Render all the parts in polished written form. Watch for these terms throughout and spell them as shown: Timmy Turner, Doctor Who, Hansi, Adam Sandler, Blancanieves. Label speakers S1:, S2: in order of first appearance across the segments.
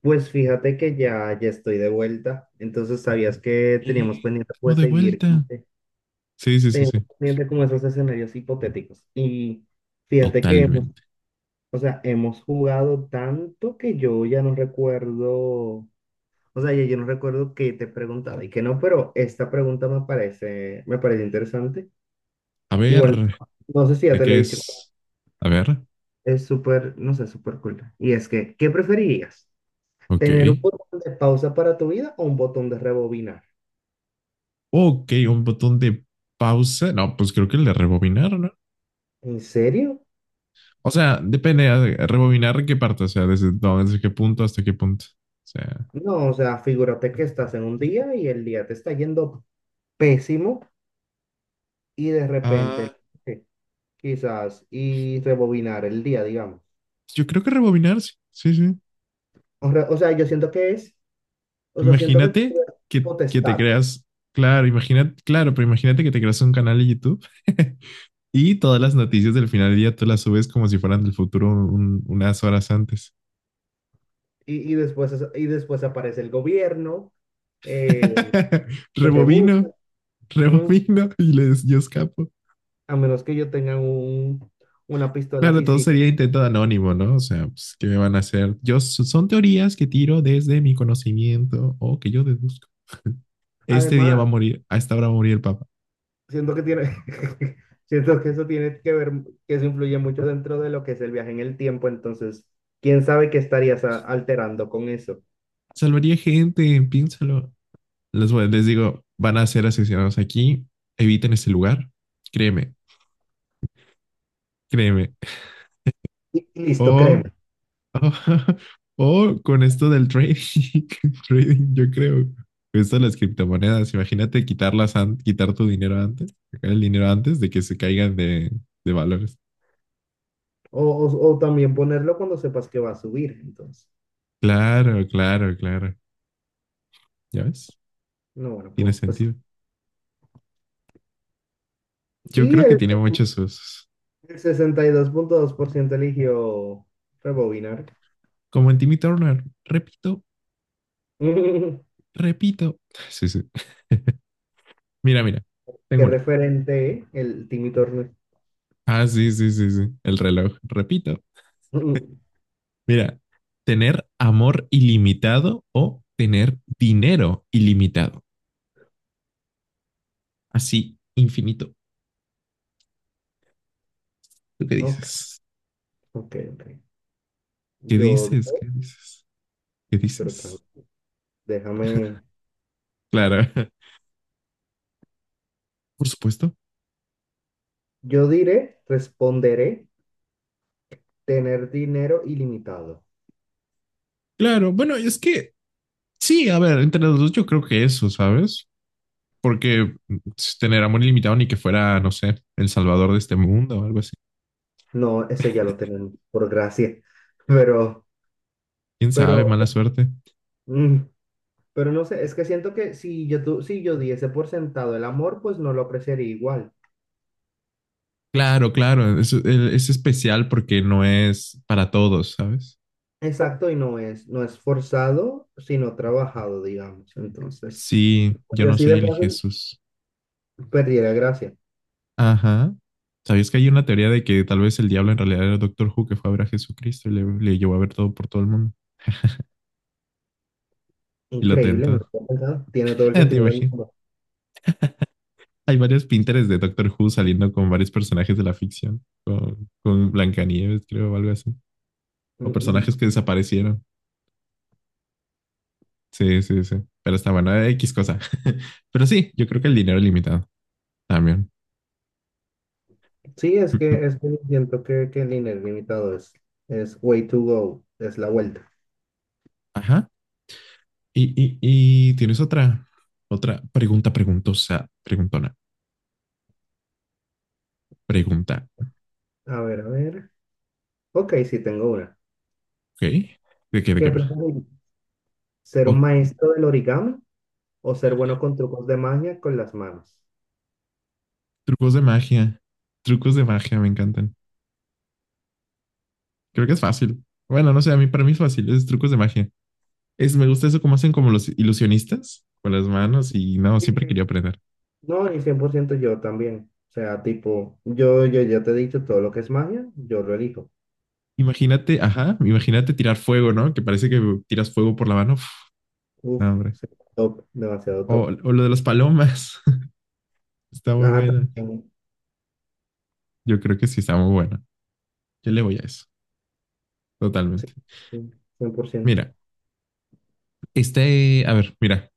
S1: Pues fíjate que ya estoy de vuelta. Entonces, ¿sabías que
S2: Eh,
S1: teníamos pendiente,
S2: estamos
S1: pues,
S2: de
S1: seguir,
S2: vuelta.
S1: como que
S2: Sí, sí, sí,
S1: teníamos
S2: sí.
S1: pendiente como esos escenarios hipotéticos? Y fíjate que
S2: Totalmente.
S1: o sea, hemos jugado tanto que yo ya no recuerdo, o sea, ya yo no recuerdo qué te preguntaba y qué no, pero esta pregunta me parece interesante.
S2: A
S1: Igual,
S2: ver,
S1: no sé si ya
S2: ¿de
S1: te lo he
S2: qué
S1: dicho,
S2: es? A ver,
S1: es súper, no sé, súper cool. Y es que, ¿qué preferirías?
S2: ok.
S1: ¿Tener un botón de pausa para tu vida o un botón de rebobinar?
S2: Ok, un botón de pausa. No, pues creo que el de rebobinar, ¿no?
S1: ¿En serio?
S2: O sea, depende rebobinar qué parte, o sea, desde, no, desde qué punto hasta qué punto. O sea,
S1: No, o sea, figúrate que estás en un día y el día te está yendo pésimo y de repente,
S2: ah,
S1: eh, quizás, y rebobinar el día, digamos.
S2: yo creo que rebobinar, sí, sí, sí.
S1: O, o sea, yo siento que es, o sea, siento que es
S2: Imagínate que te
S1: potestad.
S2: creas, claro, imagínate, claro, pero imagínate que te creas un canal de YouTube Y todas las noticias del final del día tú las subes como si fueran del futuro unas horas antes.
S1: Y después aparece el gobierno, eh, que te
S2: Rebobino,
S1: busca, mm,
S2: rebobino y les, yo escapo.
S1: a menos que yo tenga una pistola
S2: Claro,
S1: así,
S2: todo
S1: sí.
S2: sería intento de anónimo, ¿no? O sea, pues, ¿qué me van a hacer? Yo, son teorías que tiro desde mi conocimiento o que yo deduzco. Este día va a
S1: Además,
S2: morir, a esta hora va a morir el Papa.
S1: siento que tiene, siento que eso tiene que ver, que eso influye mucho dentro de lo que es el viaje en el tiempo. Entonces, quién sabe qué estarías alterando con eso.
S2: Salvaría gente, piénsalo. Les, les digo, van a ser asesinados aquí, eviten ese lugar. Créeme, créeme.
S1: Y listo,
S2: O
S1: créeme.
S2: ah, o con esto del trading, trading, yo creo. Esto de las criptomonedas, imagínate quitarlas, quitar tu dinero antes, sacar el dinero antes de que se caigan de valores.
S1: O, o, o también ponerlo cuando sepas que va a subir, entonces.
S2: Claro, claro, claro. ¿Ya ves?
S1: No, bueno,
S2: Tiene
S1: pues.
S2: sentido. Yo
S1: Y
S2: creo que
S1: el,
S2: tiene muchos usos.
S1: el sesenta y dos punto dos por ciento eligió rebobinar.
S2: Como en Timmy Turner. Repito, repito. Sí, sí. Mira, mira. Tengo
S1: Qué
S2: una.
S1: referente, ¿eh?, el Timmy Turner.
S2: Ah, sí, sí, sí, sí. El reloj. Repito, mira, tener amor ilimitado o tener dinero ilimitado. Así, infinito. ¿Tú qué
S1: Ok,
S2: dices?
S1: ok, ok.
S2: ¿Qué
S1: Yo
S2: dices? ¿Qué
S1: digo,
S2: dices? ¿Qué
S1: pero
S2: dices?
S1: tranquilo, déjame.
S2: Claro, por supuesto.
S1: Yo diré, responderé, tener dinero ilimitado.
S2: Claro, bueno, es que sí, a ver, entre los dos yo creo que eso, ¿sabes? Porque si tener amor ilimitado ni que fuera, no sé, el salvador de este mundo o algo así.
S1: No, ese ya lo tenemos, por gracia. Pero,
S2: ¿Quién sabe?
S1: pero,
S2: Mala suerte.
S1: mm, pero no sé, es que siento que si yo, si yo diese por sentado el amor, pues no lo apreciaría igual.
S2: Claro, claro, es especial porque no es para todos, ¿sabes?
S1: Exacto, y no es forzado, sino trabajado, digamos. Entonces,
S2: Sí, yo
S1: pues
S2: no
S1: así
S2: soy
S1: de
S2: el
S1: fácil,
S2: Jesús.
S1: perdiera gracia.
S2: Ajá. ¿Sabías que hay una teoría de que tal vez el diablo en realidad era Doctor Who que fue a ver a Jesucristo y le llevó a ver todo por todo el mundo y lo
S1: Increíble, no lo
S2: tentó?
S1: había pensado. Tiene todo el
S2: Te
S1: sentido del
S2: imagino.
S1: mundo.
S2: Hay varios Pinterest de Doctor Who saliendo con varios personajes de la ficción, con Blancanieves, creo, o algo así. O personajes que desaparecieron. Sí, sí, sí. Pero está bueno, X cosa. Pero sí, yo creo que el dinero es limitado también.
S1: Sí, es que, es que siento que el INE limitado es way to go, es la vuelta.
S2: Ajá. Y tienes otra, otra pregunta preguntosa, preguntona, pregunta.
S1: A ver, a ver. Ok, sí, tengo una.
S2: ¿Ok? ¿De qué, de
S1: ¿Qué
S2: qué va?
S1: preferís? ¿Ser un
S2: O
S1: maestro del origami o ser bueno con trucos de magia con las manos?
S2: trucos de magia. Trucos de magia me encantan. Creo que es fácil. Bueno, no sé, a mí para mí es fácil, es trucos de magia. Es, me gusta eso como hacen como los ilusionistas con las manos y no,
S1: Sí,
S2: siempre
S1: sí.
S2: quería aprender.
S1: No, y 100% yo también. O sea, tipo, yo ya te he dicho, todo lo que es magia, yo lo elijo.
S2: Imagínate, ajá, imagínate tirar fuego, ¿no? Que parece que tiras fuego por la mano. Uf,
S1: Uf,
S2: no, hombre.
S1: sí, top, demasiado
S2: O,
S1: top.
S2: o lo de las palomas. Está muy
S1: Ah,
S2: buena.
S1: también.
S2: Yo creo que sí está muy buena. Yo le voy a eso,
S1: Sí,
S2: totalmente.
S1: sí, 100%.
S2: Mira, este, a ver, mira.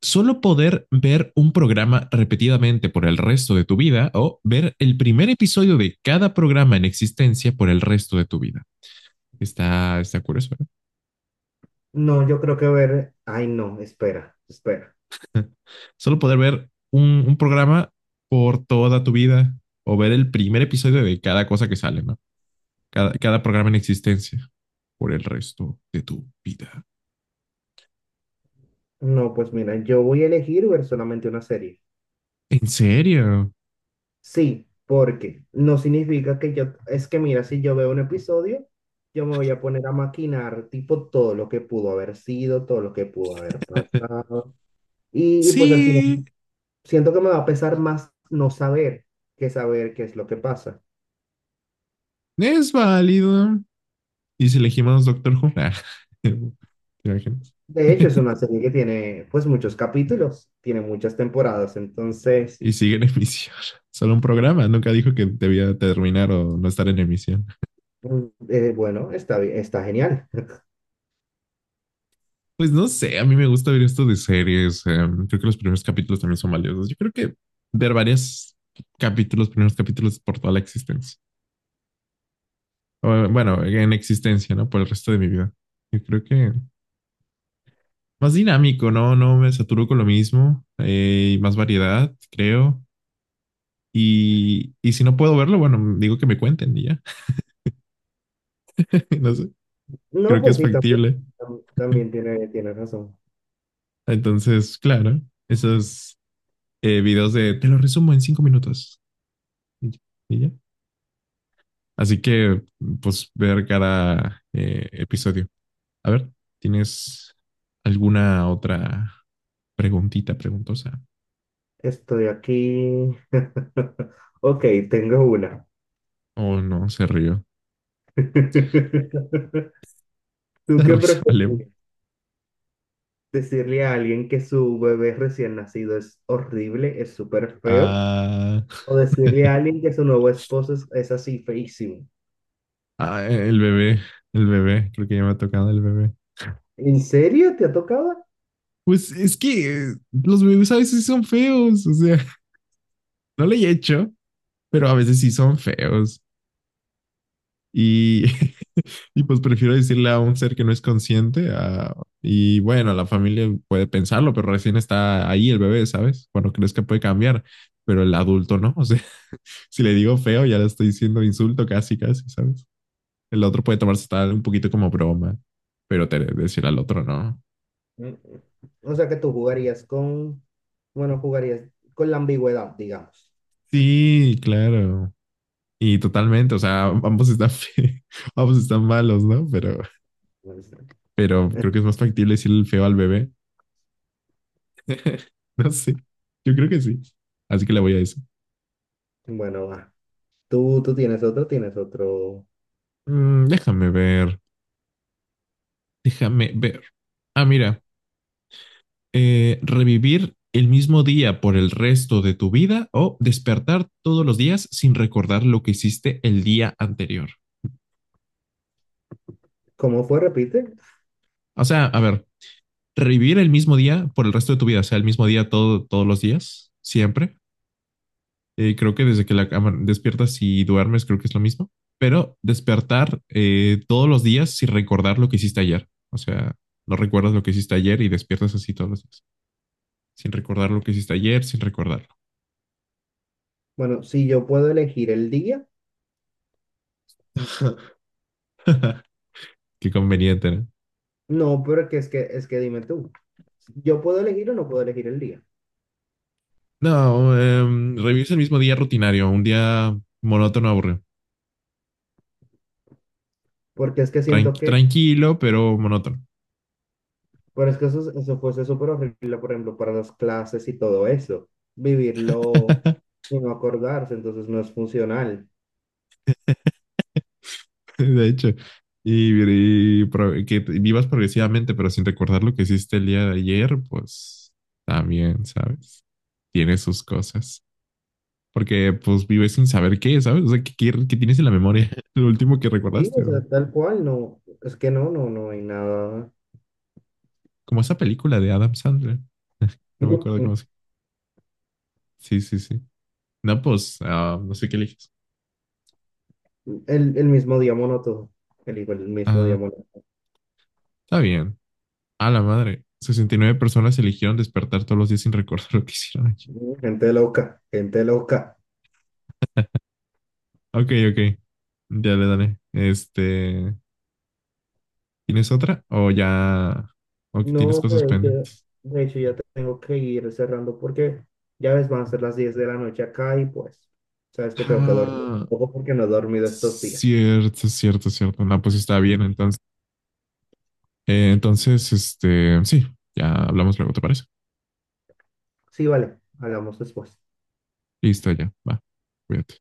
S2: Solo poder ver un programa repetidamente por el resto de tu vida o ver el primer episodio de cada programa en existencia por el resto de tu vida. Está, está curioso, ¿eh?
S1: No, yo creo que ver. Ay, no, espera, espera.
S2: Solo poder ver un programa por toda tu vida o ver el primer episodio de cada cosa que sale, ¿no? Cada, cada programa en existencia por el resto de tu vida.
S1: No, pues mira, yo voy a elegir ver solamente una serie.
S2: ¿En serio?
S1: Sí, porque no significa que yo, es que mira, si yo veo un episodio, yo me voy a poner a maquinar, tipo, todo lo que pudo haber sido, todo lo que pudo haber pasado. Y pues al final,
S2: Sí,
S1: siento que me va a pesar más no saber que saber qué es lo que pasa.
S2: es válido. Y si elegimos Doctor Who, nah. ¿Te imaginas?
S1: De hecho, es una serie que tiene pues muchos capítulos, tiene muchas temporadas. Entonces,
S2: Y sigue en emisión. Solo un programa, nunca dijo que debía terminar o no estar en emisión.
S1: mm, bueno, está, está genial.
S2: Pues no sé, a mí me gusta ver esto de series. Creo que los primeros capítulos también son valiosos. Yo creo que ver varios capítulos, primeros capítulos por toda la existencia. O, bueno, en existencia, ¿no? Por el resto de mi vida. Yo creo que más dinámico, ¿no? No me saturo con lo mismo. Y más variedad, creo. Y si no puedo verlo, bueno, digo que me cuenten y ya. No sé,
S1: No,
S2: creo que
S1: pues
S2: es
S1: sí, también,
S2: factible.
S1: también tiene razón.
S2: Entonces, claro, esos videos de te lo resumo en 5 minutos. Y ya, y ya. Así que, pues, ver cada episodio. A ver, ¿tienes alguna otra preguntita preguntosa?
S1: Estoy aquí. Ok, tengo una.
S2: Oh, no, se rió.
S1: ¿Tú
S2: Se
S1: qué
S2: risa, vale. Güey.
S1: prefieres? ¿Decirle a alguien que su bebé recién nacido es horrible, es súper feo?
S2: Ah,
S1: ¿O decirle a alguien que su nuevo esposo es así feísimo?
S2: ah, el bebé, creo que ya me ha tocado el bebé.
S1: ¿En serio te ha tocado?
S2: Pues es que los bebés a veces sí son feos, o sea, no le he hecho, pero a veces sí son feos. Y, y pues prefiero decirle a un ser que no es consciente. Y bueno, la familia puede pensarlo, pero recién está ahí el bebé, ¿sabes? Cuando crees que puede cambiar, pero el adulto no. O sea, si le digo feo, ya le estoy diciendo insulto casi, casi, ¿sabes? El otro puede tomarse tal un poquito como broma, pero te, decir al otro no.
S1: Mm, mm. O sea que tú jugarías con, bueno, jugarías con la ambigüedad, digamos.
S2: Sí, claro. Y totalmente, o sea, ambos están, ambos están malos, ¿no? Pero creo que es más factible decirle el feo al bebé. No sé. Yo creo que sí. Así que le voy a decir.
S1: Bueno, va. Tú tienes otro.
S2: Mm, déjame ver. Déjame ver. Ah, mira. Revivir el mismo día por el resto de tu vida o despertar todos los días sin recordar lo que hiciste el día anterior.
S1: ¿Cómo fue? Repite.
S2: O sea, a ver, revivir el mismo día por el resto de tu vida, o sea, el mismo día todo, todos los días, siempre, creo que desde que despiertas y duermes, creo que es lo mismo. Pero despertar todos los días sin recordar lo que hiciste ayer. O sea, no recuerdas lo que hiciste ayer y despiertas así todos los días. Sin recordar lo que hiciste ayer, sin recordarlo.
S1: Bueno, si yo puedo elegir el día,
S2: Qué conveniente, ¿no?
S1: no, pero que es que es que dime tú. ¿Yo puedo elegir o no puedo elegir el día?
S2: No, revives el mismo día rutinario, un día monótono, aburrido.
S1: Porque es que siento que,
S2: Tranquilo, pero monótono.
S1: pero es que eso fuese súper horrible, por ejemplo, para las clases y todo eso. Vivirlo y no acordarse, entonces no es funcional.
S2: De hecho. Y, y que vivas progresivamente, pero sin recordar lo que hiciste el día de ayer, pues también, ¿sabes? Tiene sus cosas. Porque pues vives sin saber qué, ¿sabes? O sea, ¿qué, qué tienes en la memoria? Lo último que
S1: Sí,
S2: recordaste.
S1: o sea, tal cual, no, es que no hay nada.
S2: Como esa película de Adam Sandler. No me acuerdo cómo se... Sí, sí, sí. No, pues, ah, no sé qué eliges.
S1: El mismo día monótono, elijo el mismo día
S2: Ah,
S1: monótono.
S2: está bien. A la madre. 69 personas eligieron despertar todos los días sin recordar lo que hicieron ayer.
S1: Gente loca, gente loca.
S2: Ok, ok. Ya le daré. Este, ¿tienes otra? O ya... O que tienes
S1: No,
S2: cosas
S1: de hecho,
S2: pendientes.
S1: de hecho ya tengo que ir cerrando porque ya ves, van a ser las 10 de la noche acá y pues, sabes que tengo que dormir un
S2: Ah,
S1: poco porque no he dormido estos días.
S2: cierto, cierto, cierto. No, pues está bien. Entonces... entonces, este, sí, ya hablamos luego, ¿te parece?
S1: Sí, vale, hablamos después.
S2: Listo, ya, va, cuídate.